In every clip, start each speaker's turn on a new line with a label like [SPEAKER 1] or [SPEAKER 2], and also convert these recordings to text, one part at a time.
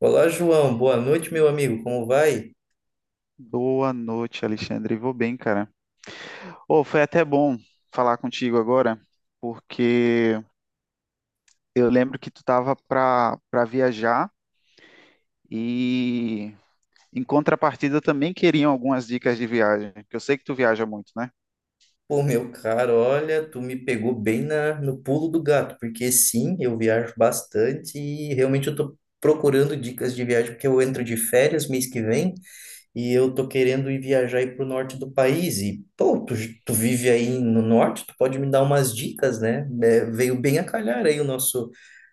[SPEAKER 1] Olá, João. Boa noite, meu amigo. Como vai?
[SPEAKER 2] Boa noite, Alexandre. Vou bem, cara. Ô, foi até bom falar contigo agora, porque eu lembro que tu tava para viajar e em contrapartida eu também queriam algumas dicas de viagem, que eu sei que tu viaja muito, né?
[SPEAKER 1] Pô, meu caro, olha, tu me pegou bem no pulo do gato, porque sim, eu viajo bastante e realmente eu tô procurando dicas de viagem, porque eu entro de férias mês que vem e eu tô querendo ir viajar aí pro norte do país. E, pô, tu vive aí no norte, tu pode me dar umas dicas, né? É, veio bem a calhar aí o nosso.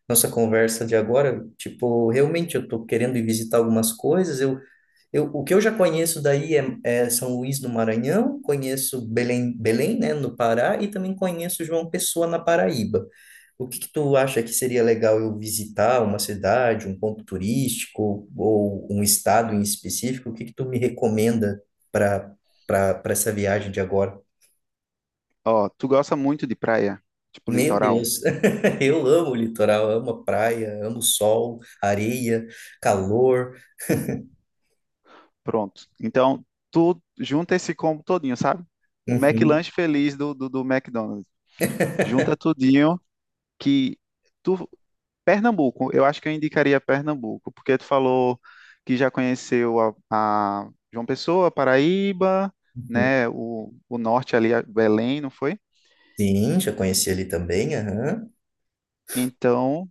[SPEAKER 1] Nossa conversa de agora, tipo, realmente eu tô querendo ir visitar algumas coisas, o que eu já conheço daí é São Luís do Maranhão, conheço Belém, né, no Pará, e também conheço João Pessoa, na Paraíba. O que que tu acha que seria legal eu visitar uma cidade, um ponto turístico ou um estado em específico? O que que tu me recomenda para para essa viagem de agora?
[SPEAKER 2] Ó, tu gosta muito de praia, tipo
[SPEAKER 1] Meu
[SPEAKER 2] litoral.
[SPEAKER 1] Deus, eu amo o litoral, amo a praia, amo o sol, areia, calor.
[SPEAKER 2] Pronto. Então, tu junta esse combo todinho, sabe? O
[SPEAKER 1] Uhum,
[SPEAKER 2] McLanche feliz do McDonald's. Junta tudinho que tu Pernambuco, eu acho que eu indicaria Pernambuco, porque tu falou que já conheceu a João Pessoa, Paraíba,
[SPEAKER 1] uhum.
[SPEAKER 2] né? O norte ali, a Belém, não foi?
[SPEAKER 1] Sim, já conheci ali também. Aham.
[SPEAKER 2] Então,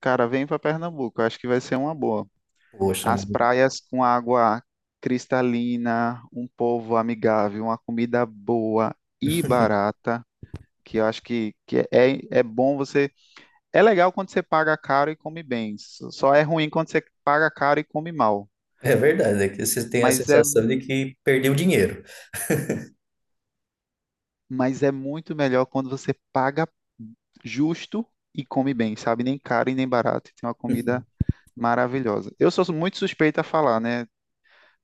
[SPEAKER 2] cara, vem para Pernambuco, eu acho que vai ser uma boa.
[SPEAKER 1] Poxa.
[SPEAKER 2] As praias com água cristalina, um povo amigável, uma comida boa e barata, que eu acho que é bom você. É legal quando você paga caro e come bem, só é ruim quando você paga caro e come mal.
[SPEAKER 1] É verdade, é que você tem a
[SPEAKER 2] Mas é
[SPEAKER 1] sensação de que perdeu dinheiro.
[SPEAKER 2] mas é muito melhor quando você paga justo e come bem, sabe? Nem caro e nem barato. Tem uma comida maravilhosa. Eu sou muito suspeito a falar, né?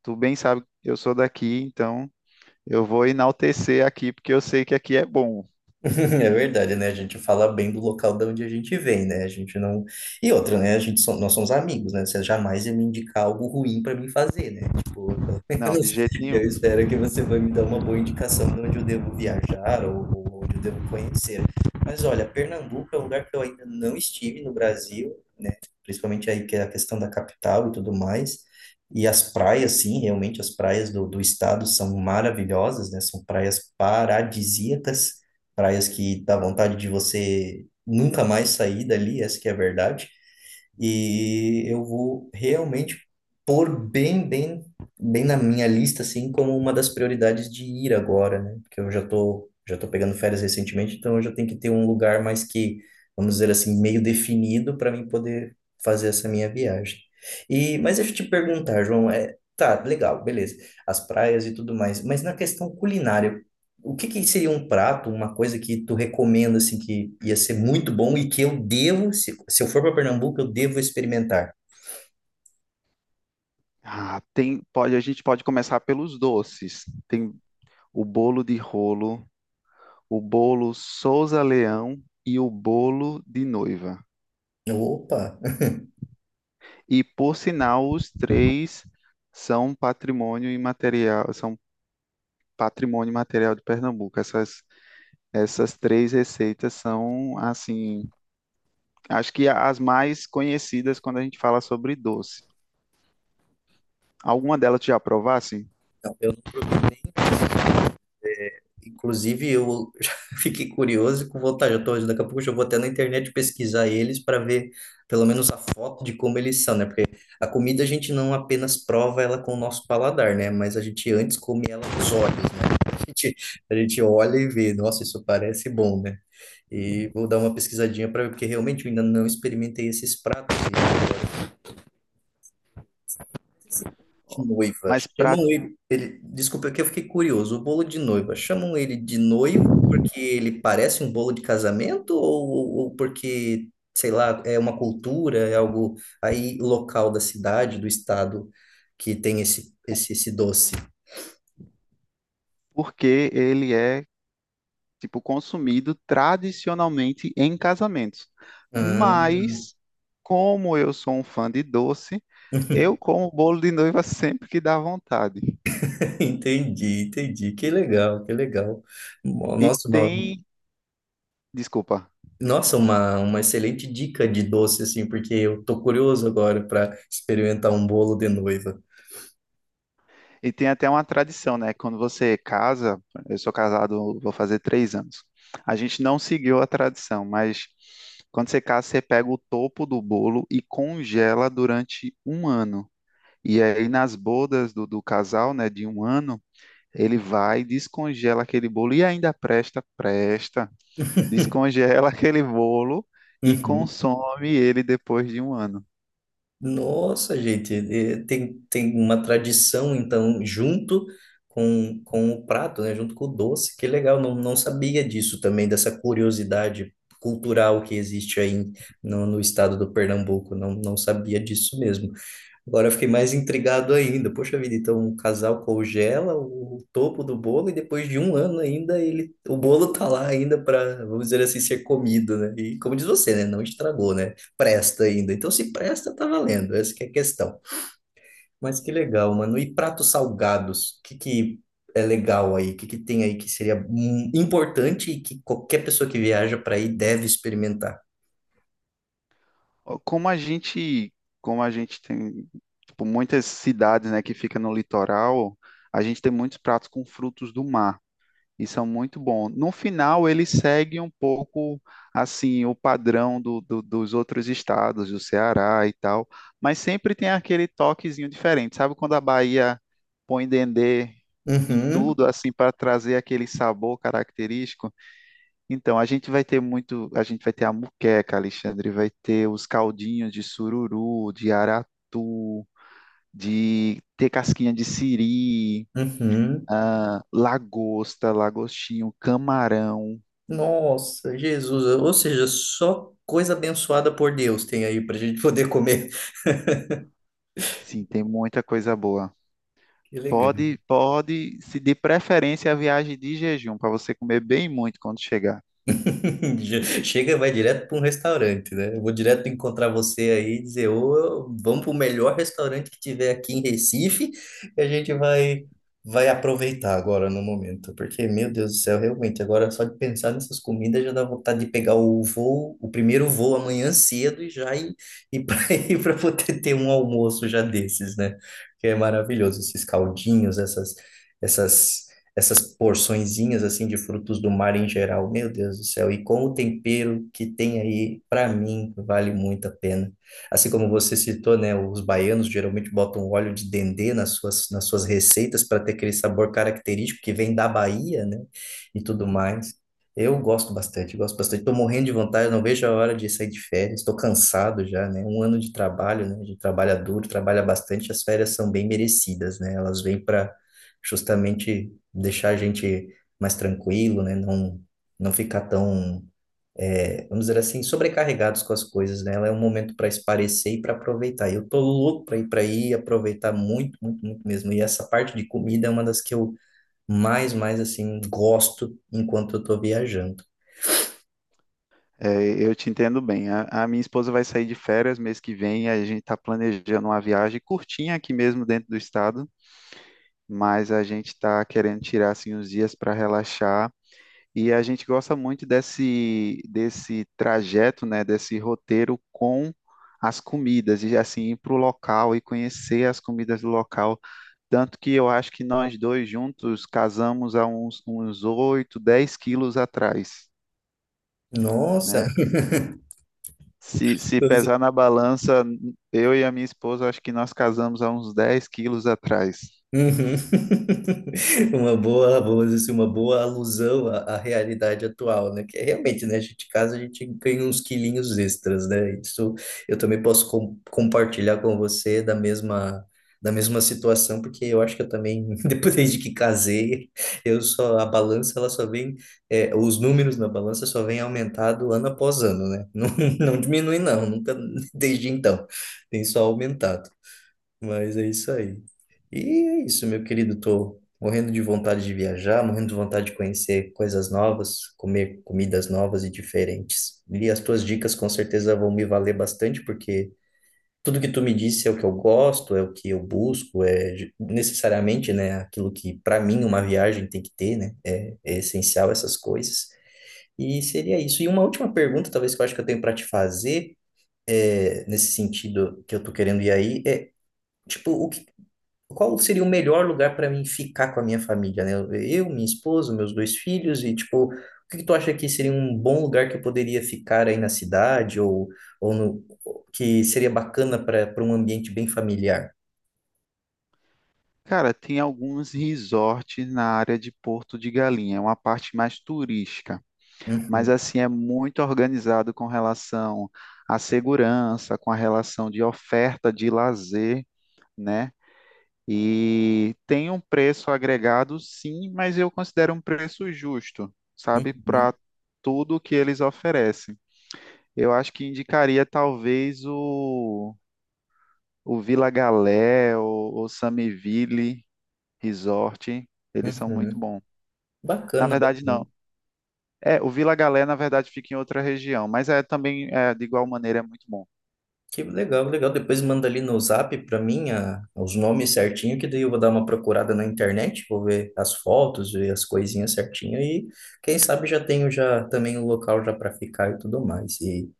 [SPEAKER 2] Tu bem sabe que eu sou daqui, então eu vou enaltecer aqui porque eu sei que aqui é bom.
[SPEAKER 1] É verdade, né? A gente fala bem do local de onde a gente vem, né? A gente não. E outra, né? A gente nós somos amigos, né? Você jamais ia me indicar algo ruim para mim fazer, né? Tipo, pelo
[SPEAKER 2] Não, de
[SPEAKER 1] menos
[SPEAKER 2] jeito
[SPEAKER 1] eu
[SPEAKER 2] nenhum.
[SPEAKER 1] espero que você vai me dar uma boa indicação de onde eu devo viajar ou onde eu devo conhecer. Mas olha, Pernambuco é um lugar que eu ainda não estive no Brasil, principalmente aí que é a questão da capital e tudo mais. E as praias, sim, realmente as praias do estado são maravilhosas, né? São praias paradisíacas, praias que dá vontade de você nunca mais sair dali, essa que é a verdade. E eu vou realmente pôr bem na minha lista, assim, como uma das prioridades de ir agora, né? Porque eu já tô pegando férias recentemente, então eu já tenho que ter um lugar mais que, vamos dizer assim, meio definido para mim poder fazer essa minha viagem. E, mas deixa eu te perguntar, João, é, tá, legal, beleza, as praias e tudo mais, mas na questão culinária, o que que seria um prato, uma coisa que tu recomenda, assim, que ia ser muito bom e que eu devo, se eu for para Pernambuco, eu devo experimentar?
[SPEAKER 2] Ah, tem, pode, a gente pode começar pelos doces. Tem o bolo de rolo, o bolo Souza Leão e o bolo de noiva.
[SPEAKER 1] Eu, opa,
[SPEAKER 2] E, por sinal, os três são patrimônio imaterial, são patrimônio material de Pernambuco. Essas três receitas são, assim, acho que as mais conhecidas quando a gente fala sobre doce. Alguma delas tu já provasse?
[SPEAKER 1] não, eu não. Inclusive, eu já fiquei curioso e com vontade. Eu tô, daqui a pouco eu já vou até na internet pesquisar eles para ver pelo menos a foto de como eles são, né? Porque a comida a gente não apenas prova ela com o nosso paladar, né? Mas a gente antes come ela com os olhos, né? A gente, a gente olha e vê, nossa, isso parece bom, né? E vou dar uma pesquisadinha para ver, porque realmente eu ainda não experimentei esses pratos. De noiva.
[SPEAKER 2] Mas
[SPEAKER 1] Chamam
[SPEAKER 2] pra,
[SPEAKER 1] ele, ele, desculpa, que eu fiquei curioso. O bolo de noiva, chamam ele de noiva porque ele parece um bolo de casamento ou porque, sei lá, é uma cultura, é algo aí local da cidade, do estado que tem esse doce?
[SPEAKER 2] porque ele é, tipo, consumido tradicionalmente em casamentos.
[SPEAKER 1] Ah,
[SPEAKER 2] Mas, como eu sou um fã de doce, eu como bolo de noiva sempre que dá vontade.
[SPEAKER 1] entendi. Que legal. Mo-
[SPEAKER 2] E
[SPEAKER 1] Nossa, uma,
[SPEAKER 2] tem Desculpa.
[SPEAKER 1] Nossa, uma excelente dica de doce assim, porque eu tô curioso agora para experimentar um bolo de noiva.
[SPEAKER 2] E tem até uma tradição, né? Quando você casa, eu sou casado, vou fazer 3 anos. A gente não seguiu a tradição, mas quando você casa, você pega o topo do bolo e congela durante um ano. E aí, nas bodas do casal, né, de um ano, ele vai, descongela aquele bolo e ainda presta, descongela aquele bolo e
[SPEAKER 1] Uhum.
[SPEAKER 2] consome ele depois de um ano.
[SPEAKER 1] Nossa, gente, tem uma tradição, então, junto com o prato, né? Junto com o doce, que legal, não sabia disso também, dessa curiosidade cultural que existe aí no estado do Pernambuco, não sabia disso mesmo. Agora eu fiquei mais intrigado ainda. Poxa vida, então um casal congela o topo do bolo e depois de um ano ainda ele, o bolo tá lá ainda para, vamos dizer assim, ser comido, né? E como diz você, né? Não estragou, né? Presta ainda. Então se presta, tá valendo. Essa que é a questão. Mas que legal, mano. E pratos salgados? O que que é legal aí? O que que tem aí que seria importante e que qualquer pessoa que viaja para aí deve experimentar?
[SPEAKER 2] Ó, como a gente tem, tipo, muitas cidades, né, que fica no litoral, a gente tem muitos pratos com frutos do mar e são muito bons. No final, ele segue um pouco, assim, o padrão dos outros estados, do Ceará e tal, mas sempre tem aquele toquezinho diferente. Sabe quando a Bahia põe dendê em
[SPEAKER 1] Uhum,
[SPEAKER 2] tudo, assim, para trazer aquele sabor característico? Então, a gente vai ter muito, a gente vai ter a muqueca, Alexandre, vai ter os caldinhos de sururu, de aratu, de ter casquinha de siri,
[SPEAKER 1] uhum.
[SPEAKER 2] ah, lagosta, lagostinho, camarão.
[SPEAKER 1] Nossa, Jesus. Ou seja, só coisa abençoada por Deus tem aí para a gente poder comer.
[SPEAKER 2] Sim, tem muita coisa boa.
[SPEAKER 1] Que legal.
[SPEAKER 2] Pode, pode, se de preferência a viagem de jejum, para você comer bem muito quando chegar.
[SPEAKER 1] Chega, e vai direto para um restaurante, né? Eu vou direto encontrar você aí e dizer, ô, vamos para o melhor restaurante que tiver aqui em Recife, e a gente vai aproveitar agora no momento, porque, meu Deus do céu, realmente, agora só de pensar nessas comidas já dá vontade de pegar o voo, o primeiro voo amanhã cedo e já ir para ir para poder ter um almoço já desses, né? Que é maravilhoso, esses caldinhos, essas essas porçõezinhas assim de frutos do mar em geral. Meu Deus do céu, e com o tempero que tem aí, para mim, vale muito a pena. Assim como você citou, né, os baianos geralmente botam óleo de dendê nas suas receitas para ter aquele sabor característico que vem da Bahia, né, e tudo mais. Eu gosto bastante, gosto bastante. Estou morrendo de vontade, não vejo a hora de sair de férias. Estou cansado já, né? Um ano de trabalho, né? A gente trabalha duro, trabalha bastante. As férias são bem merecidas, né? Elas vêm para justamente deixar a gente mais tranquilo, né? Não, não ficar é, vamos dizer assim, sobrecarregados com as coisas, né? Ela é um momento para esparecer e para aproveitar. Eu tô louco para ir para aí, aproveitar muito, muito, muito mesmo. E essa parte de comida é uma das que eu mais assim gosto enquanto eu tô viajando.
[SPEAKER 2] É, eu te entendo bem. A minha esposa vai sair de férias mês que vem, a gente está planejando uma viagem curtinha aqui mesmo dentro do estado, mas a gente está querendo tirar assim uns dias para relaxar e a gente gosta muito desse desse trajeto, né, desse roteiro com as comidas e assim ir para o local e conhecer as comidas do local. Tanto que eu acho que nós dois juntos casamos há uns 8, 10 quilos atrás,
[SPEAKER 1] Nossa.
[SPEAKER 2] né? Se pesar na balança, eu e a minha esposa, acho que nós casamos há uns 10 quilos atrás.
[SPEAKER 1] Uhum. Vamos dizer assim, uma boa alusão à realidade atual, né? Que é realmente, né? A gente casa, a gente ganha uns quilinhos extras, né? Isso eu também posso compartilhar com você da mesma situação, porque eu acho que eu também, depois de que casei, a balança, é, os números na balança só vem aumentado ano após ano, né? Não, não diminui, nunca, desde então, tem só aumentado. Mas é isso aí. E é isso, meu querido. Tô morrendo de vontade de viajar, morrendo de vontade de conhecer coisas novas, comer comidas novas e diferentes. E as tuas dicas com certeza vão me valer bastante, porque tudo que tu me disse é o que eu gosto, é o que eu busco, é necessariamente, né, aquilo que para mim uma viagem tem que ter, né? É essencial essas coisas. E seria isso. E uma última pergunta, talvez que eu acho que eu tenho para te fazer, é, nesse sentido que eu tô querendo ir aí, é Tipo, o que qual seria o melhor lugar para mim ficar com a minha família, né? Eu, minha esposa, meus dois filhos e tipo, o que que tu acha que seria um bom lugar que eu poderia ficar aí na cidade ou no, que seria bacana para para um ambiente bem familiar?
[SPEAKER 2] Cara, tem alguns resorts na área de Porto de Galinha, é uma parte mais turística, mas
[SPEAKER 1] Uhum,
[SPEAKER 2] assim é muito organizado com relação à segurança, com a relação de oferta de lazer, né? E tem um preço agregado, sim, mas eu considero um preço justo, sabe,
[SPEAKER 1] uhum,
[SPEAKER 2] para tudo que eles oferecem. Eu acho que indicaria talvez o Vila Galé, o Samiville Resort, eles são muito
[SPEAKER 1] uhum.
[SPEAKER 2] bons. Na
[SPEAKER 1] Bacana,
[SPEAKER 2] verdade,
[SPEAKER 1] bacana.
[SPEAKER 2] não. É, o Vila Galé, na verdade, fica em outra região, mas é também, é, de igual maneira, é muito bom.
[SPEAKER 1] Que legal, legal. Depois manda ali no Zap para mim os nomes certinho, que daí eu vou dar uma procurada na internet, vou ver as fotos, ver as coisinhas certinho e quem sabe já tenho já também o local já para ficar e tudo mais. E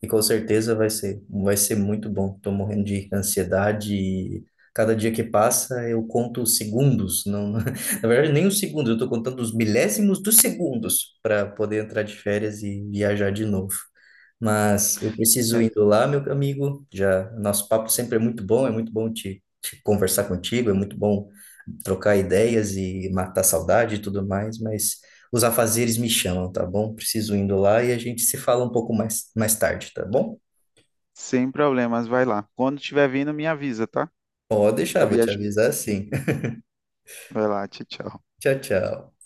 [SPEAKER 1] e com certeza vai ser muito bom. Estou morrendo de ansiedade e cada dia que passa eu conto os segundos, não, na verdade nem os segundos, eu estou contando os milésimos dos segundos para poder entrar de férias e viajar de novo. Mas eu preciso
[SPEAKER 2] É.
[SPEAKER 1] indo lá, meu amigo. Já nosso papo sempre é muito bom te conversar contigo, é muito bom trocar ideias e matar saudade e tudo mais, mas os afazeres me chamam, tá bom? Preciso indo lá e a gente se fala um pouco mais, mais tarde, tá bom?
[SPEAKER 2] Sem problemas, vai lá. Quando estiver vindo, me avisa, tá?
[SPEAKER 1] Pode deixar,
[SPEAKER 2] Pra
[SPEAKER 1] vou te
[SPEAKER 2] viajar.
[SPEAKER 1] avisar sim.
[SPEAKER 2] Vai lá, tchau, tchau.
[SPEAKER 1] Tchau, tchau.